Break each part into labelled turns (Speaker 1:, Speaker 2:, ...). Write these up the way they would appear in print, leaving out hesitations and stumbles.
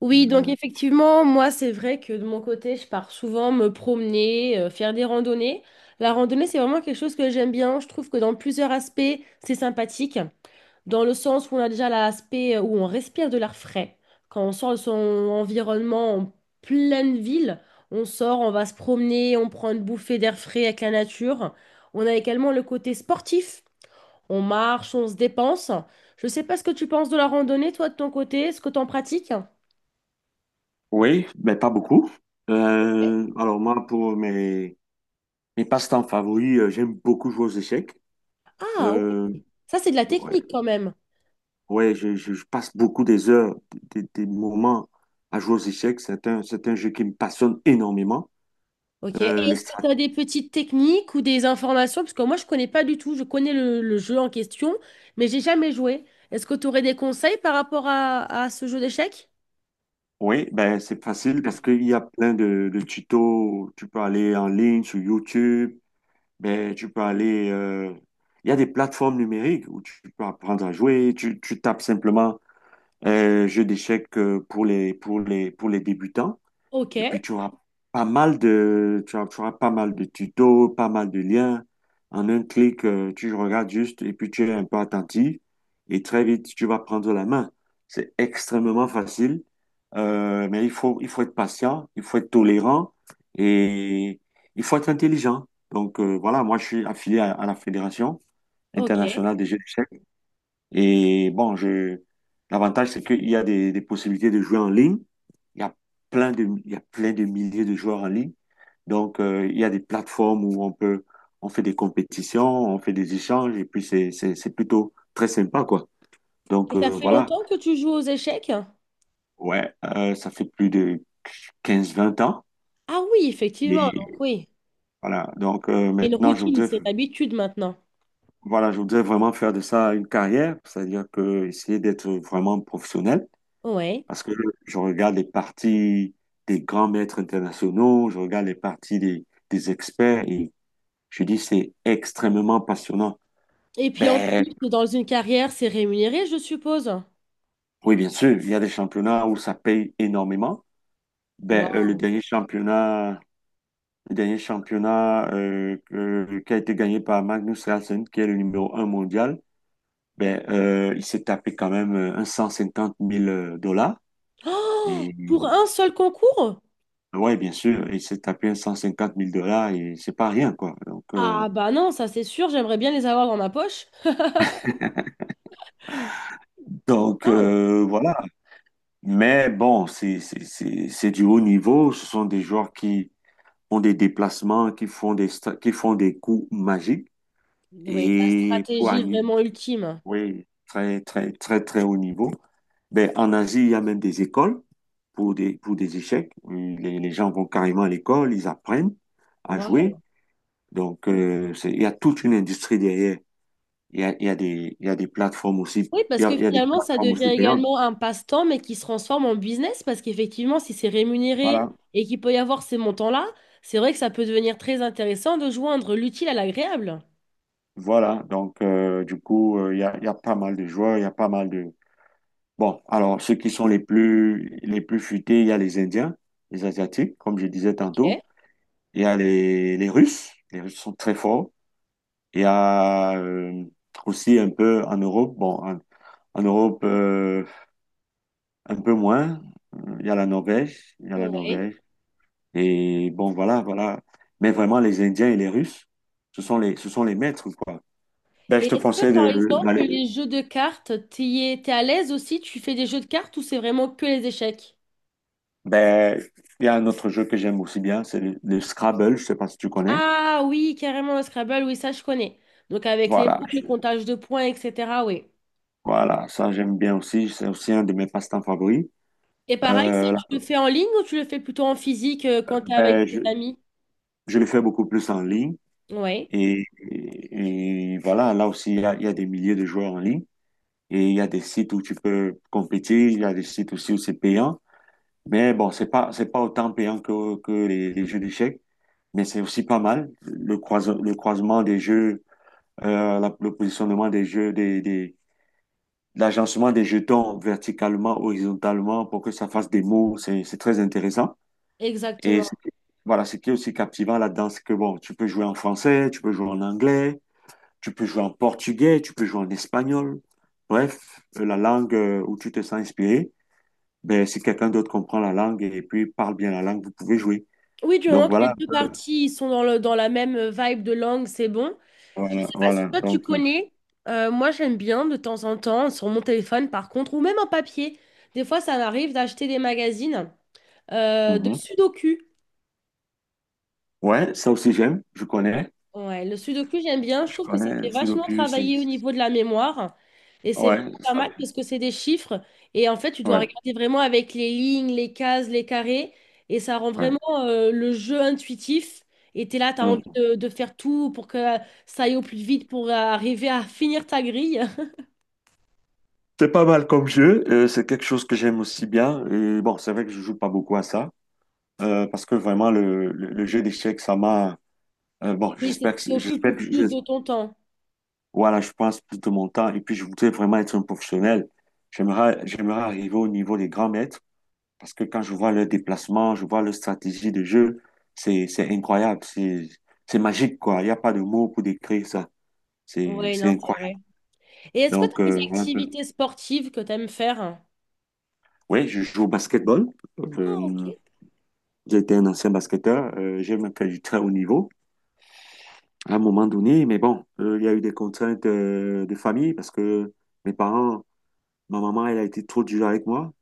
Speaker 1: Oui, donc
Speaker 2: Euh,
Speaker 1: effectivement, moi, c'est vrai que de mon côté, je pars souvent me promener, faire des randonnées. La randonnée, c'est vraiment quelque chose que j'aime bien. Je trouve que dans plusieurs aspects, c'est sympathique. Dans le sens où on a déjà l'aspect où on respire de l'air frais. Quand on sort de son environnement en pleine ville, on sort, on va se promener, on prend une bouffée d'air frais avec la nature. On a également le côté sportif. On marche, on se dépense. Je sais pas ce que tu penses de la randonnée, toi, de ton côté. Est-ce que tu en pratiques?
Speaker 2: oui, mais pas beaucoup. Alors moi, pour mes passe-temps favoris, j'aime beaucoup jouer aux échecs.
Speaker 1: Ah.
Speaker 2: Euh,
Speaker 1: Ça, c'est de la
Speaker 2: ouais,
Speaker 1: technique quand même.
Speaker 2: ouais, je passe beaucoup des heures, des moments à jouer aux échecs. C'est un jeu qui me passionne énormément.
Speaker 1: OK. Et
Speaker 2: Euh, les
Speaker 1: est-ce que
Speaker 2: strat-
Speaker 1: tu as des petites techniques ou des informations? Parce que moi, je connais pas du tout. Je connais le jeu en question, mais j'ai jamais joué. Est-ce que tu aurais des conseils par rapport à ce jeu d'échecs?
Speaker 2: Oui, ben c'est facile parce qu'il y a plein de tutos. Tu peux aller en ligne sur YouTube, ben, il y a des plateformes numériques où tu peux apprendre à jouer. Tu tapes simplement jeu d'échecs, pour les débutants. Et puis,
Speaker 1: OK,
Speaker 2: tu auras pas mal de, tu auras pas mal de tutos, pas mal de liens. En un clic, tu regardes juste et puis tu es un peu attentif. Et très vite, tu vas prendre la main. C'est extrêmement facile. Mais il faut être patient, il faut être tolérant et il faut être intelligent. Donc, voilà, moi, je suis affilié à la Fédération
Speaker 1: OK.
Speaker 2: internationale des jeux d'échecs. Et bon, l'avantage, c'est qu'il y a des possibilités de jouer en ligne. Il y a plein de, il y a plein de milliers de joueurs en ligne. Donc, il y a des plateformes où on peut, on fait des compétitions, on fait des échanges, et puis c'est plutôt très sympa, quoi.
Speaker 1: Et
Speaker 2: Donc,
Speaker 1: ça fait
Speaker 2: voilà.
Speaker 1: longtemps que tu joues aux échecs?
Speaker 2: Ouais, ça fait plus de quinze-vingt ans.
Speaker 1: Ah oui, effectivement.
Speaker 2: Et
Speaker 1: Donc oui.
Speaker 2: voilà. Donc,
Speaker 1: C'est une
Speaker 2: maintenant,
Speaker 1: routine, c'est une habitude maintenant.
Speaker 2: je voudrais vraiment faire de ça une carrière, c'est-à-dire que essayer d'être vraiment professionnel.
Speaker 1: Ouais.
Speaker 2: Parce que je regarde les parties des grands maîtres internationaux, je regarde les parties des experts et je dis c'est extrêmement passionnant.
Speaker 1: Et puis en
Speaker 2: Ben
Speaker 1: plus, dans une carrière, c'est rémunéré, je suppose.
Speaker 2: oui, bien sûr, il y a des championnats où ça paye énormément. Ben,
Speaker 1: Waouh.
Speaker 2: le dernier championnat qui a été gagné par Magnus Carlsen, qui est le numéro un mondial, il s'est tapé quand même un 150 000 dollars
Speaker 1: Oh,
Speaker 2: et
Speaker 1: pour un seul concours?
Speaker 2: ouais, bien sûr, il s'est tapé un 150 000 dollars et c'est pas rien, quoi. Donc, euh,
Speaker 1: Ah bah non, ça c'est sûr, j'aimerais bien les avoir dans ma poche.
Speaker 2: Donc
Speaker 1: Waouh!
Speaker 2: euh, voilà. Mais bon, c'est du haut niveau. Ce sont des joueurs qui ont des déplacements, qui font des coups magiques.
Speaker 1: Oui, la
Speaker 2: Et pour
Speaker 1: stratégie
Speaker 2: un-
Speaker 1: vraiment ultime.
Speaker 2: oui, très, très, très, très haut niveau. Ben, en Asie, il y a même des écoles pour des échecs. Les gens vont carrément à l'école, ils apprennent à jouer.
Speaker 1: Waouh!
Speaker 2: Donc, il y a toute une industrie derrière. Il y a des, il y a des plateformes aussi,
Speaker 1: Oui,
Speaker 2: il
Speaker 1: parce
Speaker 2: y
Speaker 1: que
Speaker 2: a, il y a des
Speaker 1: finalement, ça
Speaker 2: plateformes
Speaker 1: devient
Speaker 2: aussi payantes.
Speaker 1: également un passe-temps, mais qui se transforme en business, parce qu'effectivement, si c'est rémunéré
Speaker 2: Voilà.
Speaker 1: et qu'il peut y avoir ces montants-là, c'est vrai que ça peut devenir très intéressant de joindre l'utile à l'agréable.
Speaker 2: Voilà, donc du coup, il y a pas mal de joueurs, il y a pas mal de. Bon, alors ceux qui sont les plus futés, il y a les Indiens, les Asiatiques, comme je disais
Speaker 1: Ok,
Speaker 2: tantôt, il y a les Russes, les Russes sont très forts, il y a aussi un peu en Europe, bon, en Europe, un peu moins. Il y a la Norvège,
Speaker 1: oui.
Speaker 2: Et bon, voilà, voilà. Mais vraiment, les Indiens et les Russes, ce sont les maîtres, quoi. Ben,
Speaker 1: Et
Speaker 2: je te
Speaker 1: est-ce que,
Speaker 2: conseille
Speaker 1: par exemple,
Speaker 2: d'aller.
Speaker 1: les jeux de cartes, t'y es- t'es à l'aise aussi? Tu fais des jeux de cartes ou c'est vraiment que les échecs?
Speaker 2: Ben, il y a un autre jeu que j'aime aussi bien, c'est le Scrabble, je sais pas si tu connais.
Speaker 1: Ah oui, carrément le Scrabble, oui, ça je connais. Donc avec les
Speaker 2: Voilà,
Speaker 1: mots, le
Speaker 2: je-
Speaker 1: comptage de points, etc. Oui.
Speaker 2: voilà, ça j'aime bien aussi, c'est aussi un de mes passe-temps favoris.
Speaker 1: Et pareil, ça,
Speaker 2: Euh,
Speaker 1: tu le fais en ligne ou tu le fais plutôt en physique quand tu es avec
Speaker 2: ben,
Speaker 1: tes
Speaker 2: je,
Speaker 1: amis?
Speaker 2: je le fais beaucoup plus en ligne
Speaker 1: Oui,
Speaker 2: et, et voilà, là aussi il y a des milliers de joueurs en ligne et il y a des sites où tu peux compétir, il y a des sites aussi où c'est payant, mais bon, c'est pas autant payant que les jeux d'échecs, mais c'est aussi pas mal le croisement des jeux, le positionnement des jeux l'agencement des jetons verticalement, horizontalement, pour que ça fasse des mots, c'est très intéressant. Et c'est-
Speaker 1: exactement.
Speaker 2: voilà, ce qui est aussi captivant là-dedans, c'est que bon, tu peux jouer en français, tu peux jouer en anglais, tu peux jouer en portugais, tu peux jouer en espagnol. Bref, la langue où tu te sens inspiré, ben, si quelqu'un d'autre comprend la langue et puis parle bien la langue, vous pouvez jouer.
Speaker 1: Oui, du
Speaker 2: Donc
Speaker 1: moment que les
Speaker 2: voilà,
Speaker 1: deux
Speaker 2: un peu.
Speaker 1: parties ils sont dans le, dans la même vibe de langue, c'est bon. Je
Speaker 2: Voilà,
Speaker 1: sais pas si
Speaker 2: voilà.
Speaker 1: toi tu
Speaker 2: Donc,
Speaker 1: connais, moi j'aime bien de temps en temps, sur mon téléphone par contre, ou même en papier. Des fois, ça m'arrive d'acheter des magazines de
Speaker 2: mhm.
Speaker 1: Sudoku.
Speaker 2: Ouais, ça aussi j'aime, je connais.
Speaker 1: Ouais, le sudoku, j'aime bien. Je
Speaker 2: Je
Speaker 1: trouve que ça
Speaker 2: connais
Speaker 1: fait vachement
Speaker 2: Sudoku, c'est.
Speaker 1: travailler au niveau de la mémoire. Et c'est
Speaker 2: Ouais,
Speaker 1: vraiment pas
Speaker 2: ça-
Speaker 1: mal parce que c'est des chiffres. Et en fait, tu dois
Speaker 2: ouais,
Speaker 1: regarder vraiment avec les lignes, les cases, les carrés. Et ça rend vraiment
Speaker 2: ouais.
Speaker 1: le jeu intuitif. Et t'es là, t'as envie
Speaker 2: Mm-hmm.
Speaker 1: de faire tout pour que ça aille au plus vite pour arriver à finir ta grille.
Speaker 2: C'est pas mal comme jeu, c'est quelque chose que j'aime aussi bien. Bon, c'est vrai que je joue pas beaucoup à ça, parce que vraiment le jeu d'échecs, ça m'a. Bon,
Speaker 1: Oui, c'est ce qui occupe le plus de ton temps.
Speaker 2: voilà, je passe plus de mon temps et puis je voudrais vraiment être un professionnel. J'aimerais arriver au niveau des grands maîtres, parce que quand je vois leurs déplacements, je vois leur stratégie de jeu, c'est incroyable, c'est magique, quoi. Il n'y a pas de mots pour décrire ça. C'est
Speaker 1: Oui,
Speaker 2: c'est
Speaker 1: non, c'est vrai.
Speaker 2: incroyable.
Speaker 1: Et est-ce que tu
Speaker 2: Donc
Speaker 1: as des
Speaker 2: voilà un peu.
Speaker 1: activités sportives que tu aimes faire?
Speaker 2: Oui, je joue au basketball.
Speaker 1: Ah, ok.
Speaker 2: J'étais un ancien basketteur, j'ai même fait du très haut niveau à un moment donné, mais bon, il y a eu des contraintes de famille parce que mes parents, ma maman, elle a été trop dure avec moi.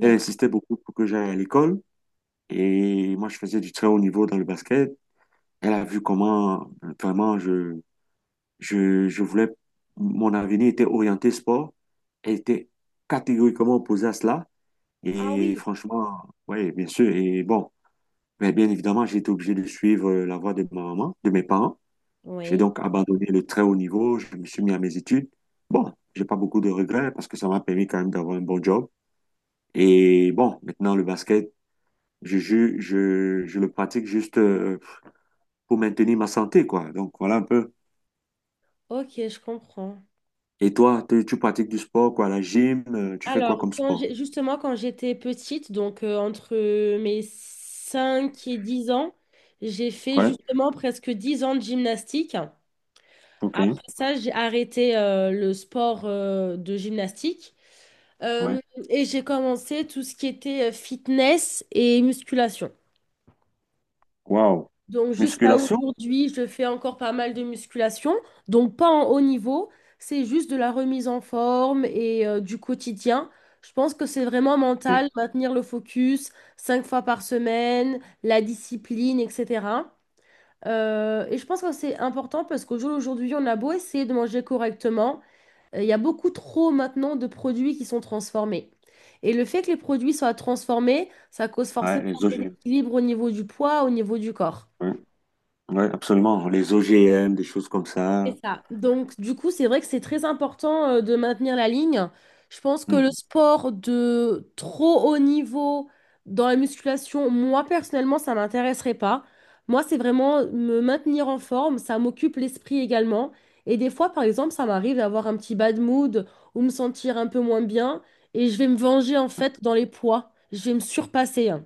Speaker 2: Elle insistait beaucoup pour que j'aille à l'école et moi, je faisais du très haut niveau dans le basket. Elle a vu comment vraiment je voulais, mon avenir était orienté sport. Elle était catégoriquement opposée à cela
Speaker 1: Ah
Speaker 2: et
Speaker 1: oui.
Speaker 2: franchement, oui, bien sûr, et bon. Mais bien évidemment, j'ai été obligé de suivre la voie de ma maman, de mes parents. J'ai
Speaker 1: Oui.
Speaker 2: donc abandonné le très haut niveau, je me suis mis à mes études. Bon, j'ai pas beaucoup de regrets parce que ça m'a permis quand même d'avoir un bon job. Et bon, maintenant le basket, je le pratique juste pour maintenir ma santé, quoi. Donc voilà un peu.
Speaker 1: Ok, je comprends.
Speaker 2: Et toi, tu pratiques du sport, quoi? La gym, tu fais quoi
Speaker 1: Alors,
Speaker 2: comme sport?
Speaker 1: justement, quand j'étais petite, donc entre mes 5 et 10 ans, j'ai fait
Speaker 2: Ouais,
Speaker 1: justement presque 10 ans de gymnastique.
Speaker 2: ok,
Speaker 1: Après ça, j'ai arrêté le sport de gymnastique.
Speaker 2: ouais.
Speaker 1: Euh, et j'ai commencé tout ce qui était fitness et musculation.
Speaker 2: Wow.
Speaker 1: Donc jusqu'à
Speaker 2: Musculation?
Speaker 1: aujourd'hui, je fais encore pas mal de musculation, donc pas en haut niveau, c'est juste de la remise en forme et du quotidien. Je pense que c'est vraiment
Speaker 2: Ok.
Speaker 1: mental, maintenir le focus 5 fois par semaine, la discipline, etc. Et je pense que c'est important parce qu'au jour d'aujourd'hui, on a beau essayer de manger correctement, il y a beaucoup trop maintenant de produits qui sont transformés. Et le fait que les produits soient transformés, ça cause
Speaker 2: Ouais,
Speaker 1: forcément un
Speaker 2: les OGM.
Speaker 1: déséquilibre au niveau du poids, au niveau du corps.
Speaker 2: Ouais, ouais, absolument. Les OGM, des choses comme ça.
Speaker 1: C'est ça. Donc, du coup, c'est vrai que c'est très important de maintenir la ligne. Je pense que le
Speaker 2: Mhm,
Speaker 1: sport de trop haut niveau dans la musculation, moi, personnellement, ça m'intéresserait pas. Moi, c'est vraiment me maintenir en forme. Ça m'occupe l'esprit également. Et des fois, par exemple, ça m'arrive d'avoir un petit bad mood ou me sentir un peu moins bien. Et je vais me venger, en fait, dans les poids. Je vais me surpasser, hein.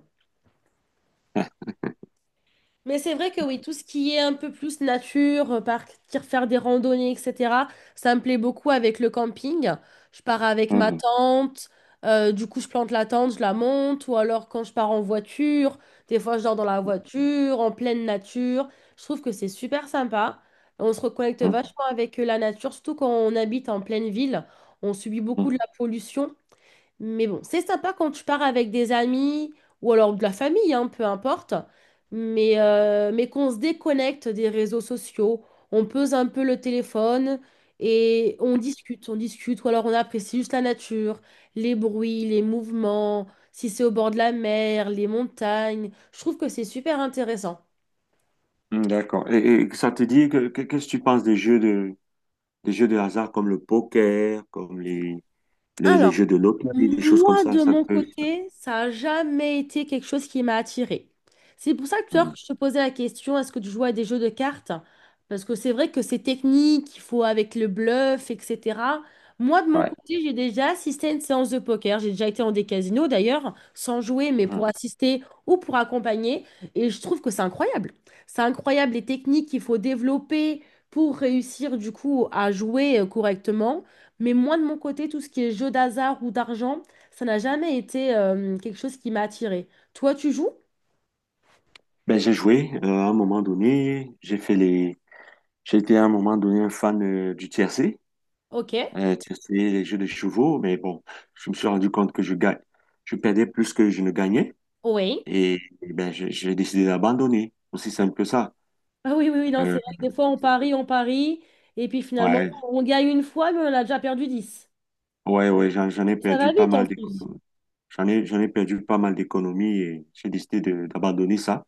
Speaker 1: Mais c'est vrai que oui, tout ce qui est un peu plus nature, partir faire des randonnées, etc., ça me plaît beaucoup avec le camping. Je pars avec ma
Speaker 2: mhm,
Speaker 1: tente, du coup je plante la tente, je la monte, ou alors quand je pars en voiture, des fois je dors dans la voiture, en pleine nature. Je trouve que c'est super sympa. On se reconnecte
Speaker 2: mhm,
Speaker 1: vachement avec la nature, surtout quand on habite en pleine ville. On subit beaucoup de
Speaker 2: mhm.
Speaker 1: la pollution. Mais bon, c'est sympa quand tu pars avec des amis ou alors de la famille, hein, peu importe. Mais, qu'on se déconnecte des réseaux sociaux, on pose un peu le téléphone et on discute, on discute. Ou alors on apprécie juste la nature, les bruits, les mouvements, si c'est au bord de la mer, les montagnes. Je trouve que c'est super intéressant.
Speaker 2: Hmm, d'accord. Et ça te dit qu'est-ce que tu penses des jeux de hasard comme le poker, comme les jeux
Speaker 1: Alors,
Speaker 2: de loterie, des choses comme
Speaker 1: moi,
Speaker 2: ça,
Speaker 1: de
Speaker 2: ça
Speaker 1: mon
Speaker 2: te.
Speaker 1: côté, ça n'a jamais été quelque chose qui m'a attirée. C'est pour ça que tout à l'heure
Speaker 2: Hmm,
Speaker 1: que je te posais la question, est-ce que tu joues à des jeux de cartes? Parce que c'est vrai que c'est technique, il faut avec le bluff, etc. Moi, de mon
Speaker 2: ouais.
Speaker 1: côté, j'ai déjà assisté à une séance de poker. J'ai déjà été dans des casinos, d'ailleurs, sans jouer, mais pour
Speaker 2: Hmm.
Speaker 1: assister ou pour accompagner. Et je trouve que c'est incroyable. C'est incroyable les techniques qu'il faut développer pour réussir, du coup, à jouer correctement. Mais moi, de mon côté, tout ce qui est jeu d'hasard ou d'argent, ça n'a jamais été quelque chose qui m'a attirée. Toi, tu joues?
Speaker 2: Ben j'ai joué à un moment donné, j'ai fait les j'ai été à un moment donné un fan du tiercé,
Speaker 1: Ok,
Speaker 2: tiercé, les jeux de chevaux, mais bon, je me suis rendu compte que je perdais plus que je ne gagnais
Speaker 1: oui.
Speaker 2: et ben j'ai décidé d'abandonner. Aussi simple que ça.
Speaker 1: Ah oui, oui, oui, non, c'est
Speaker 2: Euh,
Speaker 1: vrai que des fois, on parie, et puis finalement,
Speaker 2: ouais,
Speaker 1: on gagne une fois, mais on a déjà perdu 10.
Speaker 2: ouais, ouais, j'en ai
Speaker 1: Ça va
Speaker 2: perdu pas
Speaker 1: vite en
Speaker 2: mal
Speaker 1: plus.
Speaker 2: d'économies. J'en ai perdu pas mal d'économies et j'ai décidé d'abandonner ça.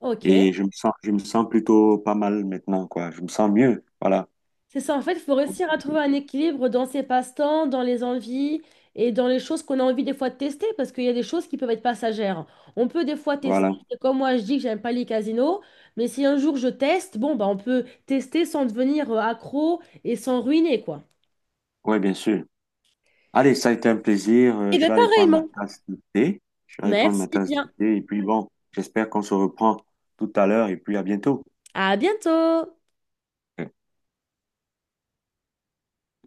Speaker 1: Ok.
Speaker 2: Et je me sens plutôt pas mal maintenant, quoi. Je me sens mieux. Voilà,
Speaker 1: C'est ça, en fait, il faut réussir à trouver un équilibre dans ses passe-temps, dans les envies et dans les choses qu'on a envie des fois de tester, parce qu'il y a des choses qui peuvent être passagères. On peut des fois tester,
Speaker 2: voilà.
Speaker 1: c'est comme moi je dis que j'aime pas les casinos, mais si un jour je teste, bon, bah, on peut tester sans devenir accro et sans ruiner, quoi.
Speaker 2: Ouais, bien sûr. Allez, ça a été un plaisir.
Speaker 1: Et
Speaker 2: Je
Speaker 1: bien,
Speaker 2: vais aller prendre ma
Speaker 1: pareillement.
Speaker 2: tasse de thé. Je vais aller prendre ma
Speaker 1: Merci
Speaker 2: tasse de
Speaker 1: bien.
Speaker 2: thé. Et puis bon, j'espère qu'on se reprend tout à l'heure et puis à bientôt.
Speaker 1: À bientôt!